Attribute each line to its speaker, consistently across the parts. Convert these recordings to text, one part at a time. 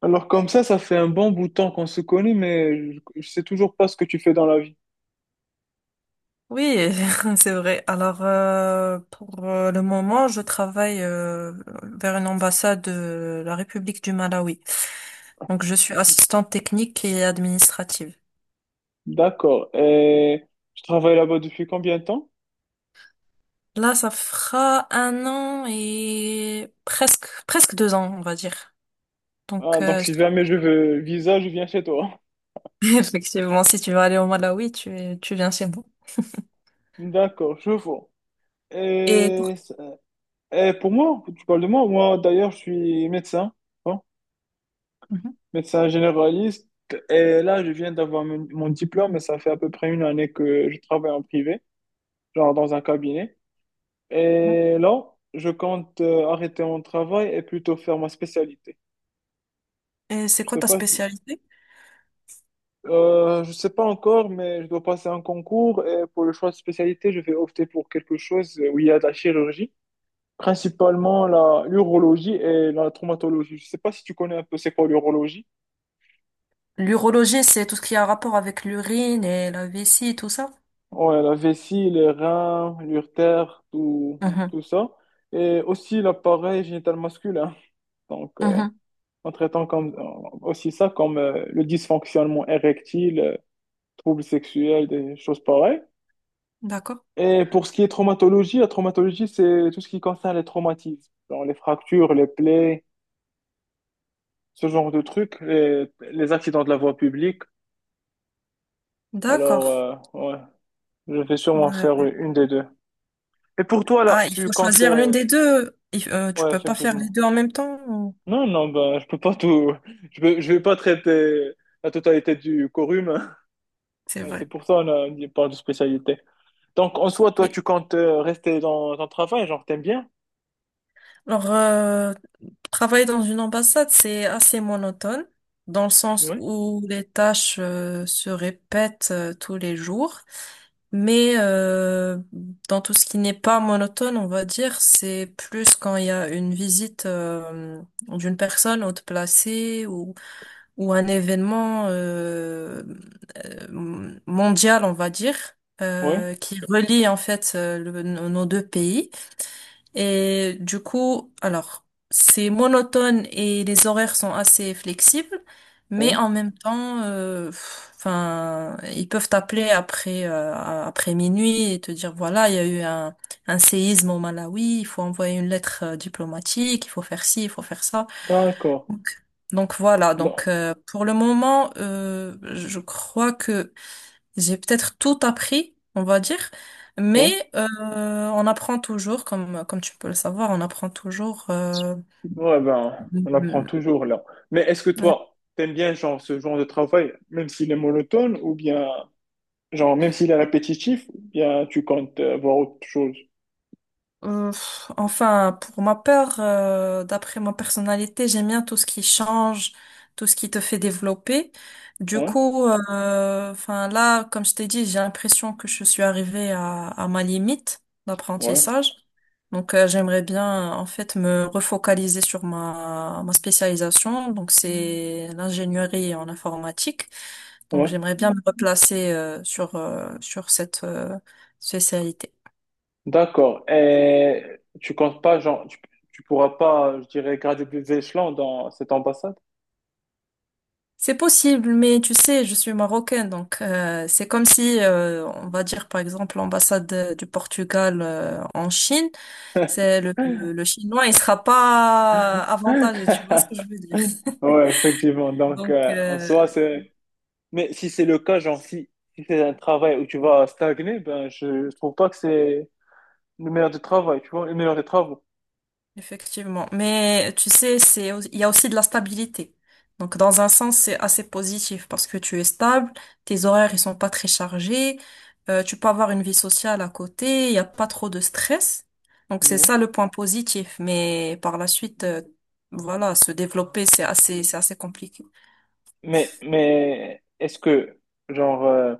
Speaker 1: Alors comme ça fait un bon bout de temps qu'on se connaît, mais je sais toujours pas ce que tu fais dans la vie.
Speaker 2: Oui, c'est vrai. Alors, pour le moment, je travaille vers une ambassade de la République du Malawi. Donc, je suis assistante technique et administrative.
Speaker 1: D'accord. Et tu travailles là-bas depuis combien de temps?
Speaker 2: Là, ça fera un an et presque deux ans, on va dire.
Speaker 1: Ah,
Speaker 2: Donc,
Speaker 1: donc
Speaker 2: je
Speaker 1: si jamais
Speaker 2: travaille
Speaker 1: je
Speaker 2: là.
Speaker 1: veux visa, je viens chez toi.
Speaker 2: Effectivement, si tu veux aller au Malawi, tu viens chez moi.
Speaker 1: D'accord, je vois.
Speaker 2: Et pour,
Speaker 1: Et, et pour moi, tu parles de moi, moi d'ailleurs, je suis médecin, hein, médecin généraliste. Et là, je viens d'avoir mon diplôme, et ça fait à peu près une année que je travaille en privé, genre dans un cabinet. Et là, je compte arrêter mon travail et plutôt faire ma spécialité.
Speaker 2: et c'est
Speaker 1: Je
Speaker 2: quoi
Speaker 1: sais
Speaker 2: ta
Speaker 1: pas si-
Speaker 2: spécialité?
Speaker 1: je sais pas encore, mais je dois passer un concours et pour le choix de spécialité, je vais opter pour quelque chose où il y a de la chirurgie, principalement la l'urologie et la traumatologie. Je sais pas si tu connais un peu c'est quoi l'urologie.
Speaker 2: L'urologie, c'est tout ce qui a rapport avec l'urine et la vessie et tout ça?
Speaker 1: Ouais, la vessie, les reins, l'urtère, tout,
Speaker 2: Mhm.
Speaker 1: tout ça. Et aussi l'appareil génital masculin. Donc,
Speaker 2: Mhm.
Speaker 1: en traitant comme, aussi ça comme le dysfonctionnement érectile, troubles sexuels, des choses pareilles.
Speaker 2: D'accord.
Speaker 1: Et pour ce qui est traumatologie, la traumatologie, c'est tout ce qui concerne les traumatismes, genre les fractures, les plaies, ce genre de trucs, les accidents de la voie publique. Alors,
Speaker 2: D'accord.
Speaker 1: ouais, je vais sûrement faire
Speaker 2: Ouais.
Speaker 1: une des deux. Et pour toi, là,
Speaker 2: Ah, il
Speaker 1: tu
Speaker 2: faut
Speaker 1: comptes...
Speaker 2: choisir l'une
Speaker 1: euh,
Speaker 2: des deux. Tu
Speaker 1: Ouais,
Speaker 2: peux pas faire les
Speaker 1: effectivement.
Speaker 2: deux en même temps. Ou-
Speaker 1: Non, non, ben, je peux pas tout. Je vais pas traiter la totalité du quorum.
Speaker 2: c'est
Speaker 1: Hein. C'est
Speaker 2: vrai.
Speaker 1: pour ça on parle de spécialité. Donc, en soi, toi,
Speaker 2: Oui.
Speaker 1: tu comptes rester dans ton travail, genre, t'aimes bien?
Speaker 2: Alors, travailler dans une ambassade, c'est assez monotone, dans le sens
Speaker 1: Ouais.
Speaker 2: où les tâches se répètent tous les jours. Mais dans tout ce qui n'est pas monotone, on va dire, c'est plus quand il y a une visite d'une personne haute placée ou un événement. Mondiale, on va dire,
Speaker 1: Ouais,
Speaker 2: qui relie en fait nos deux pays. Et du coup, alors, c'est monotone et les horaires sont assez flexibles, mais
Speaker 1: ouais.
Speaker 2: en même temps, enfin, ils peuvent t'appeler après après minuit et te dire voilà, il y a eu un séisme au Malawi, il faut envoyer une lettre diplomatique, il faut faire ci, il faut faire ça.
Speaker 1: D'accord.
Speaker 2: Donc, donc voilà,
Speaker 1: Non.
Speaker 2: donc pour le moment, je crois que j'ai peut-être tout appris, on va dire, mais
Speaker 1: Ouais.
Speaker 2: euh, on apprend toujours, comme tu peux le savoir, on apprend toujours.
Speaker 1: Ouais, ben, on apprend
Speaker 2: Euh,
Speaker 1: toujours là. Mais est-ce que toi, t'aimes bien genre ce genre de travail, même s'il est monotone, ou bien genre même s'il est répétitif, ou bien tu comptes voir autre chose?
Speaker 2: euh, enfin, pour ma part, d'après ma personnalité, j'aime bien tout ce qui change, tout ce qui te fait développer. Du
Speaker 1: Ouais,
Speaker 2: coup, enfin là, comme je t'ai dit, j'ai l'impression que je suis arrivée à ma limite
Speaker 1: ouais,
Speaker 2: d'apprentissage. Donc, j'aimerais bien, en fait, me refocaliser sur ma spécialisation. Donc, c'est l'ingénierie en informatique. Donc,
Speaker 1: ouais.
Speaker 2: j'aimerais bien me replacer, sur, sur cette, spécialité.
Speaker 1: D'accord. Et tu comptes pas genre tu pourras pas, je dirais, graduer des échelons dans cette ambassade?
Speaker 2: C'est possible, mais tu sais, je suis marocaine, donc c'est comme si, on va dire par exemple l'ambassade du Portugal en Chine, c'est le chinois, il sera pas avantagé, tu vois ce que je veux dire.
Speaker 1: Ouais, effectivement. Donc,
Speaker 2: Donc,
Speaker 1: en soi, c'est. Mais si c'est le cas, genre, si c'est un travail où tu vas stagner, ben, je trouve pas que c'est le meilleur des travail, tu vois, le meilleur des travaux.
Speaker 2: effectivement. Mais tu sais, il y a aussi de la stabilité. Donc, dans un sens, c'est assez positif parce que tu es stable, tes horaires, ils sont pas très chargés, tu peux avoir une vie sociale à côté, il n'y a pas trop de stress. Donc, c'est
Speaker 1: Ouais.
Speaker 2: ça le point positif. Mais par la suite, voilà, se développer, c'est assez compliqué.
Speaker 1: Mais est-ce que, genre,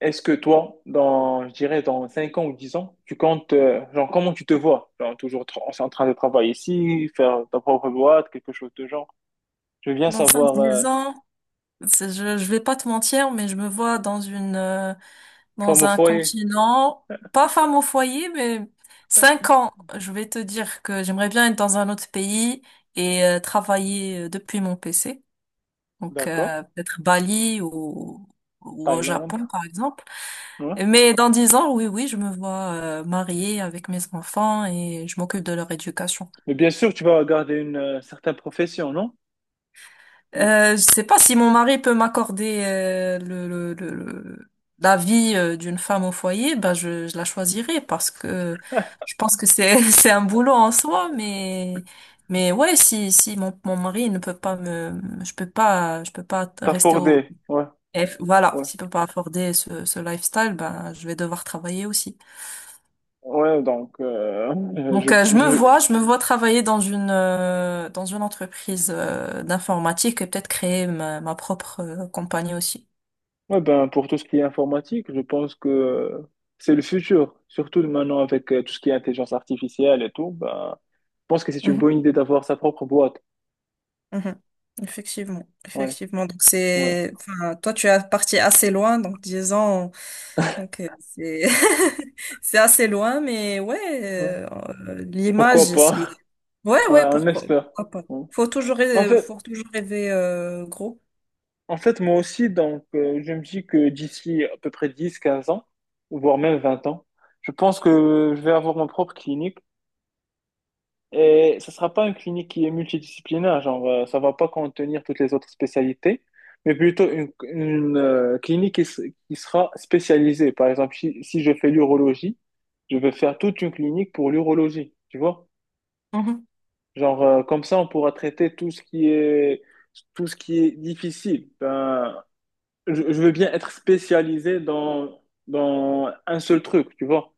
Speaker 1: est-ce que toi, dans, je dirais, dans 5 ans ou 10 ans, tu comptes, genre, comment tu te vois? Genre, toujours en train de travailler ici, faire ta propre boîte, quelque chose de genre. Je veux bien
Speaker 2: Dans cinq
Speaker 1: savoir,
Speaker 2: dix ans, je vais pas te mentir, mais je me vois dans une,
Speaker 1: femme
Speaker 2: dans
Speaker 1: au
Speaker 2: un
Speaker 1: foyer,
Speaker 2: continent, pas femme au foyer, mais cinq ans. Je vais te dire que j'aimerais bien être dans un autre pays et travailler depuis mon PC. Donc
Speaker 1: d'accord,
Speaker 2: peut-être Bali ou au
Speaker 1: Thaïlande,
Speaker 2: Japon, par exemple.
Speaker 1: ouais.
Speaker 2: Mais dans dix ans, oui, je me vois mariée avec mes enfants et je m'occupe de leur éducation.
Speaker 1: Mais bien sûr, tu vas garder une certaine profession, non?
Speaker 2: Je sais pas si mon mari peut m'accorder la vie d'une femme au foyer, je la choisirais parce que je pense que c'est c'est un boulot en soi, mais ouais si si mon mari ne peut pas me je peux pas
Speaker 1: T'as
Speaker 2: rester au
Speaker 1: fordé, ouais,
Speaker 2: F voilà
Speaker 1: ouais.
Speaker 2: s'il peut pas afforder ce lifestyle ben je vais devoir travailler aussi.
Speaker 1: Ouais, donc,
Speaker 2: Donc je me vois travailler dans une entreprise d'informatique et peut-être créer ma propre compagnie aussi.
Speaker 1: ouais, ben, pour tout ce qui est informatique, je pense que c'est le futur. Surtout maintenant avec tout ce qui est intelligence artificielle et tout, ben, pense que c'est une
Speaker 2: Mhm,
Speaker 1: bonne idée d'avoir sa propre boîte.
Speaker 2: mhm. Effectivement,
Speaker 1: Ouais,
Speaker 2: effectivement. Donc
Speaker 1: ouais,
Speaker 2: c'est, enfin, toi tu es parti assez loin, donc 10 ans, donc c'est c'est assez loin, mais ouais,
Speaker 1: ouais. Pourquoi
Speaker 2: l'image c'est,
Speaker 1: pas?
Speaker 2: ouais
Speaker 1: Ouais,
Speaker 2: ouais
Speaker 1: on
Speaker 2: pourquoi,
Speaker 1: espère.
Speaker 2: pourquoi pas.
Speaker 1: Ouais. En fait,
Speaker 2: Faut toujours rêver gros.
Speaker 1: en fait, moi aussi, donc, je me dis que d'ici à peu près 10-15 ans, voire même 20 ans, je pense que je vais avoir ma propre clinique. Et ça sera pas une clinique qui est multidisciplinaire, genre, ça va pas contenir toutes les autres spécialités, mais plutôt une clinique qui, qui sera spécialisée. Par exemple, si je fais l'urologie, je vais faire toute une clinique pour l'urologie, tu vois?
Speaker 2: Mhm,
Speaker 1: Genre, comme ça, on pourra traiter tout ce qui est, tout ce qui est difficile. Ben, je veux bien être spécialisé dans un seul truc, tu vois.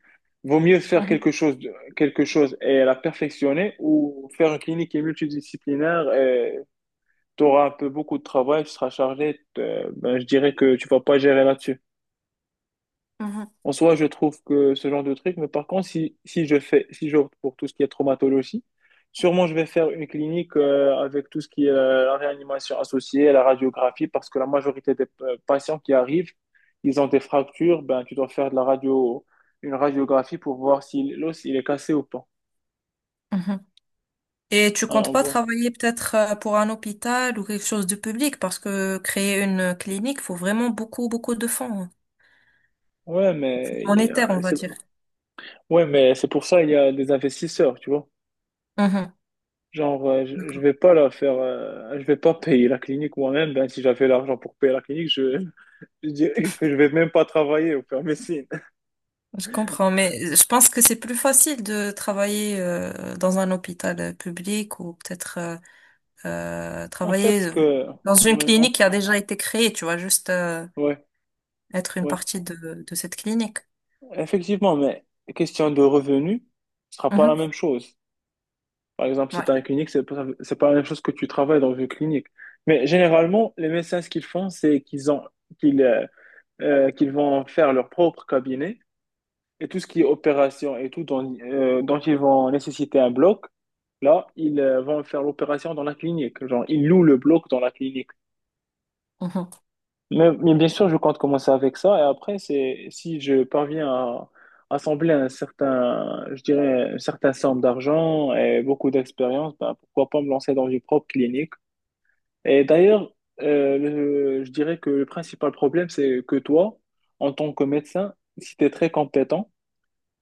Speaker 1: Vaut mieux faire
Speaker 2: mhm,
Speaker 1: quelque chose, quelque chose et la perfectionner ou faire une clinique qui est multidisciplinaire et tu auras un peu beaucoup de travail, tu seras chargé. Ben, je dirais que tu vas pas gérer là-dessus.
Speaker 2: mhm,
Speaker 1: En soi, je trouve que ce genre de truc, mais par contre, si, si je fais, si j'opte pour tout ce qui est traumatologie, sûrement je vais faire une clinique avec tout ce qui est la réanimation associée, la radiographie, parce que la majorité des patients qui arrivent, ils ont des fractures, ben tu dois faire de la radio, une radiographie pour voir si l'os il est cassé ou pas,
Speaker 2: mhm. Et tu
Speaker 1: hein,
Speaker 2: comptes
Speaker 1: en
Speaker 2: pas
Speaker 1: gros.
Speaker 2: travailler peut-être pour un hôpital ou quelque chose de public parce que créer une clinique faut vraiment beaucoup de fonds, hein.
Speaker 1: Ouais, mais il y
Speaker 2: Monétaire
Speaker 1: a-
Speaker 2: on va
Speaker 1: c'est-
Speaker 2: dire.
Speaker 1: ouais, mais c'est pour ça il y a des investisseurs, tu vois. Genre, je
Speaker 2: Mhm.
Speaker 1: vais pas la faire, je vais pas payer la clinique moi-même. Ben, si j'avais l'argent pour payer la clinique, je dirais que je vais même pas travailler au faire médecine.
Speaker 2: Je comprends, mais je pense que c'est plus facile de travailler dans un hôpital public ou peut-être
Speaker 1: En fait,
Speaker 2: travailler
Speaker 1: ce que,
Speaker 2: dans une
Speaker 1: ouais,
Speaker 2: clinique qui a déjà été créée, tu vois, juste
Speaker 1: ouais,
Speaker 2: être une
Speaker 1: ouais.
Speaker 2: partie de cette clinique.
Speaker 1: Effectivement, mais question de revenus, ce sera pas la
Speaker 2: Mhm.
Speaker 1: même chose. Par exemple, si
Speaker 2: Ouais.
Speaker 1: tu as une clinique, c'est pas la même chose que tu travailles dans une clinique. Mais généralement, les médecins, ce qu'ils font, c'est qu'ils, euh, qu'ils vont faire leur propre cabinet. Et tout ce qui est opération et tout dont ils vont nécessiter un bloc, là, ils vont faire l'opération dans la clinique. Genre, ils louent le bloc dans la clinique.
Speaker 2: Mhm.
Speaker 1: Mais bien sûr, je compte commencer avec ça. Et après, c'est si je parviens à assembler un certain, je dirais, une certaine somme d'argent et beaucoup d'expérience, ben, pourquoi pas me lancer dans une propre clinique. Et d'ailleurs, je dirais que le principal problème, c'est que toi, en tant que médecin, si tu es très compétent,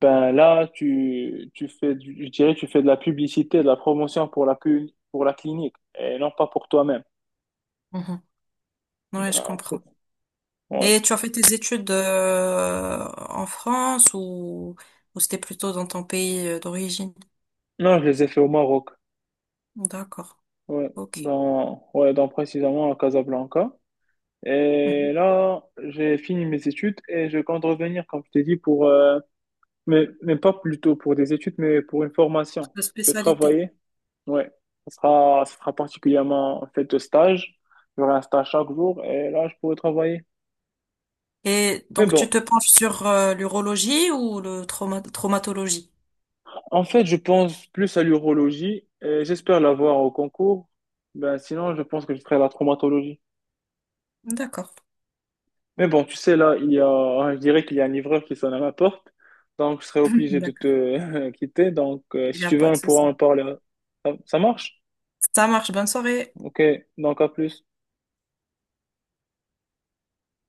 Speaker 1: ben là, tu fais je dirais, tu fais de la publicité, de la promotion pour pour la clinique et non pas pour toi-même.
Speaker 2: Mhm. Ouais, je
Speaker 1: Ah, c'est-
Speaker 2: comprends.
Speaker 1: ouais.
Speaker 2: Et tu as fait tes études en France ou c'était plutôt dans ton pays d'origine?
Speaker 1: Non, je les ai fait au Maroc.
Speaker 2: D'accord.
Speaker 1: Ouais,
Speaker 2: Ok.
Speaker 1: ouais, dans précisément à Casablanca. Et
Speaker 2: Mhm.
Speaker 1: là, j'ai fini mes études et je compte revenir, comme je t'ai dit, pour, mais pas plutôt pour des études, mais pour une formation.
Speaker 2: La
Speaker 1: Je vais
Speaker 2: spécialité.
Speaker 1: travailler. Ouais, ce sera particulièrement fait de stage. J'aurai un stage chaque jour et là, je pourrai travailler.
Speaker 2: Et
Speaker 1: Mais
Speaker 2: donc, tu
Speaker 1: bon,
Speaker 2: te penches sur l'urologie ou le traumatologie?
Speaker 1: en fait, je pense plus à l'urologie et j'espère l'avoir au concours. Ben, sinon, je pense que je ferai la traumatologie.
Speaker 2: D'accord.
Speaker 1: Mais bon, tu sais, là, il y a, je dirais qu'il y a un livreur qui sonne à ma porte. Donc, je serai obligé de
Speaker 2: D'accord.
Speaker 1: te quitter. Donc,
Speaker 2: Il
Speaker 1: si
Speaker 2: n'y a
Speaker 1: tu veux,
Speaker 2: pas de
Speaker 1: on pourra
Speaker 2: souci.
Speaker 1: en parler. Ça marche?
Speaker 2: Ça marche. Bonne soirée.
Speaker 1: Ok, donc à plus.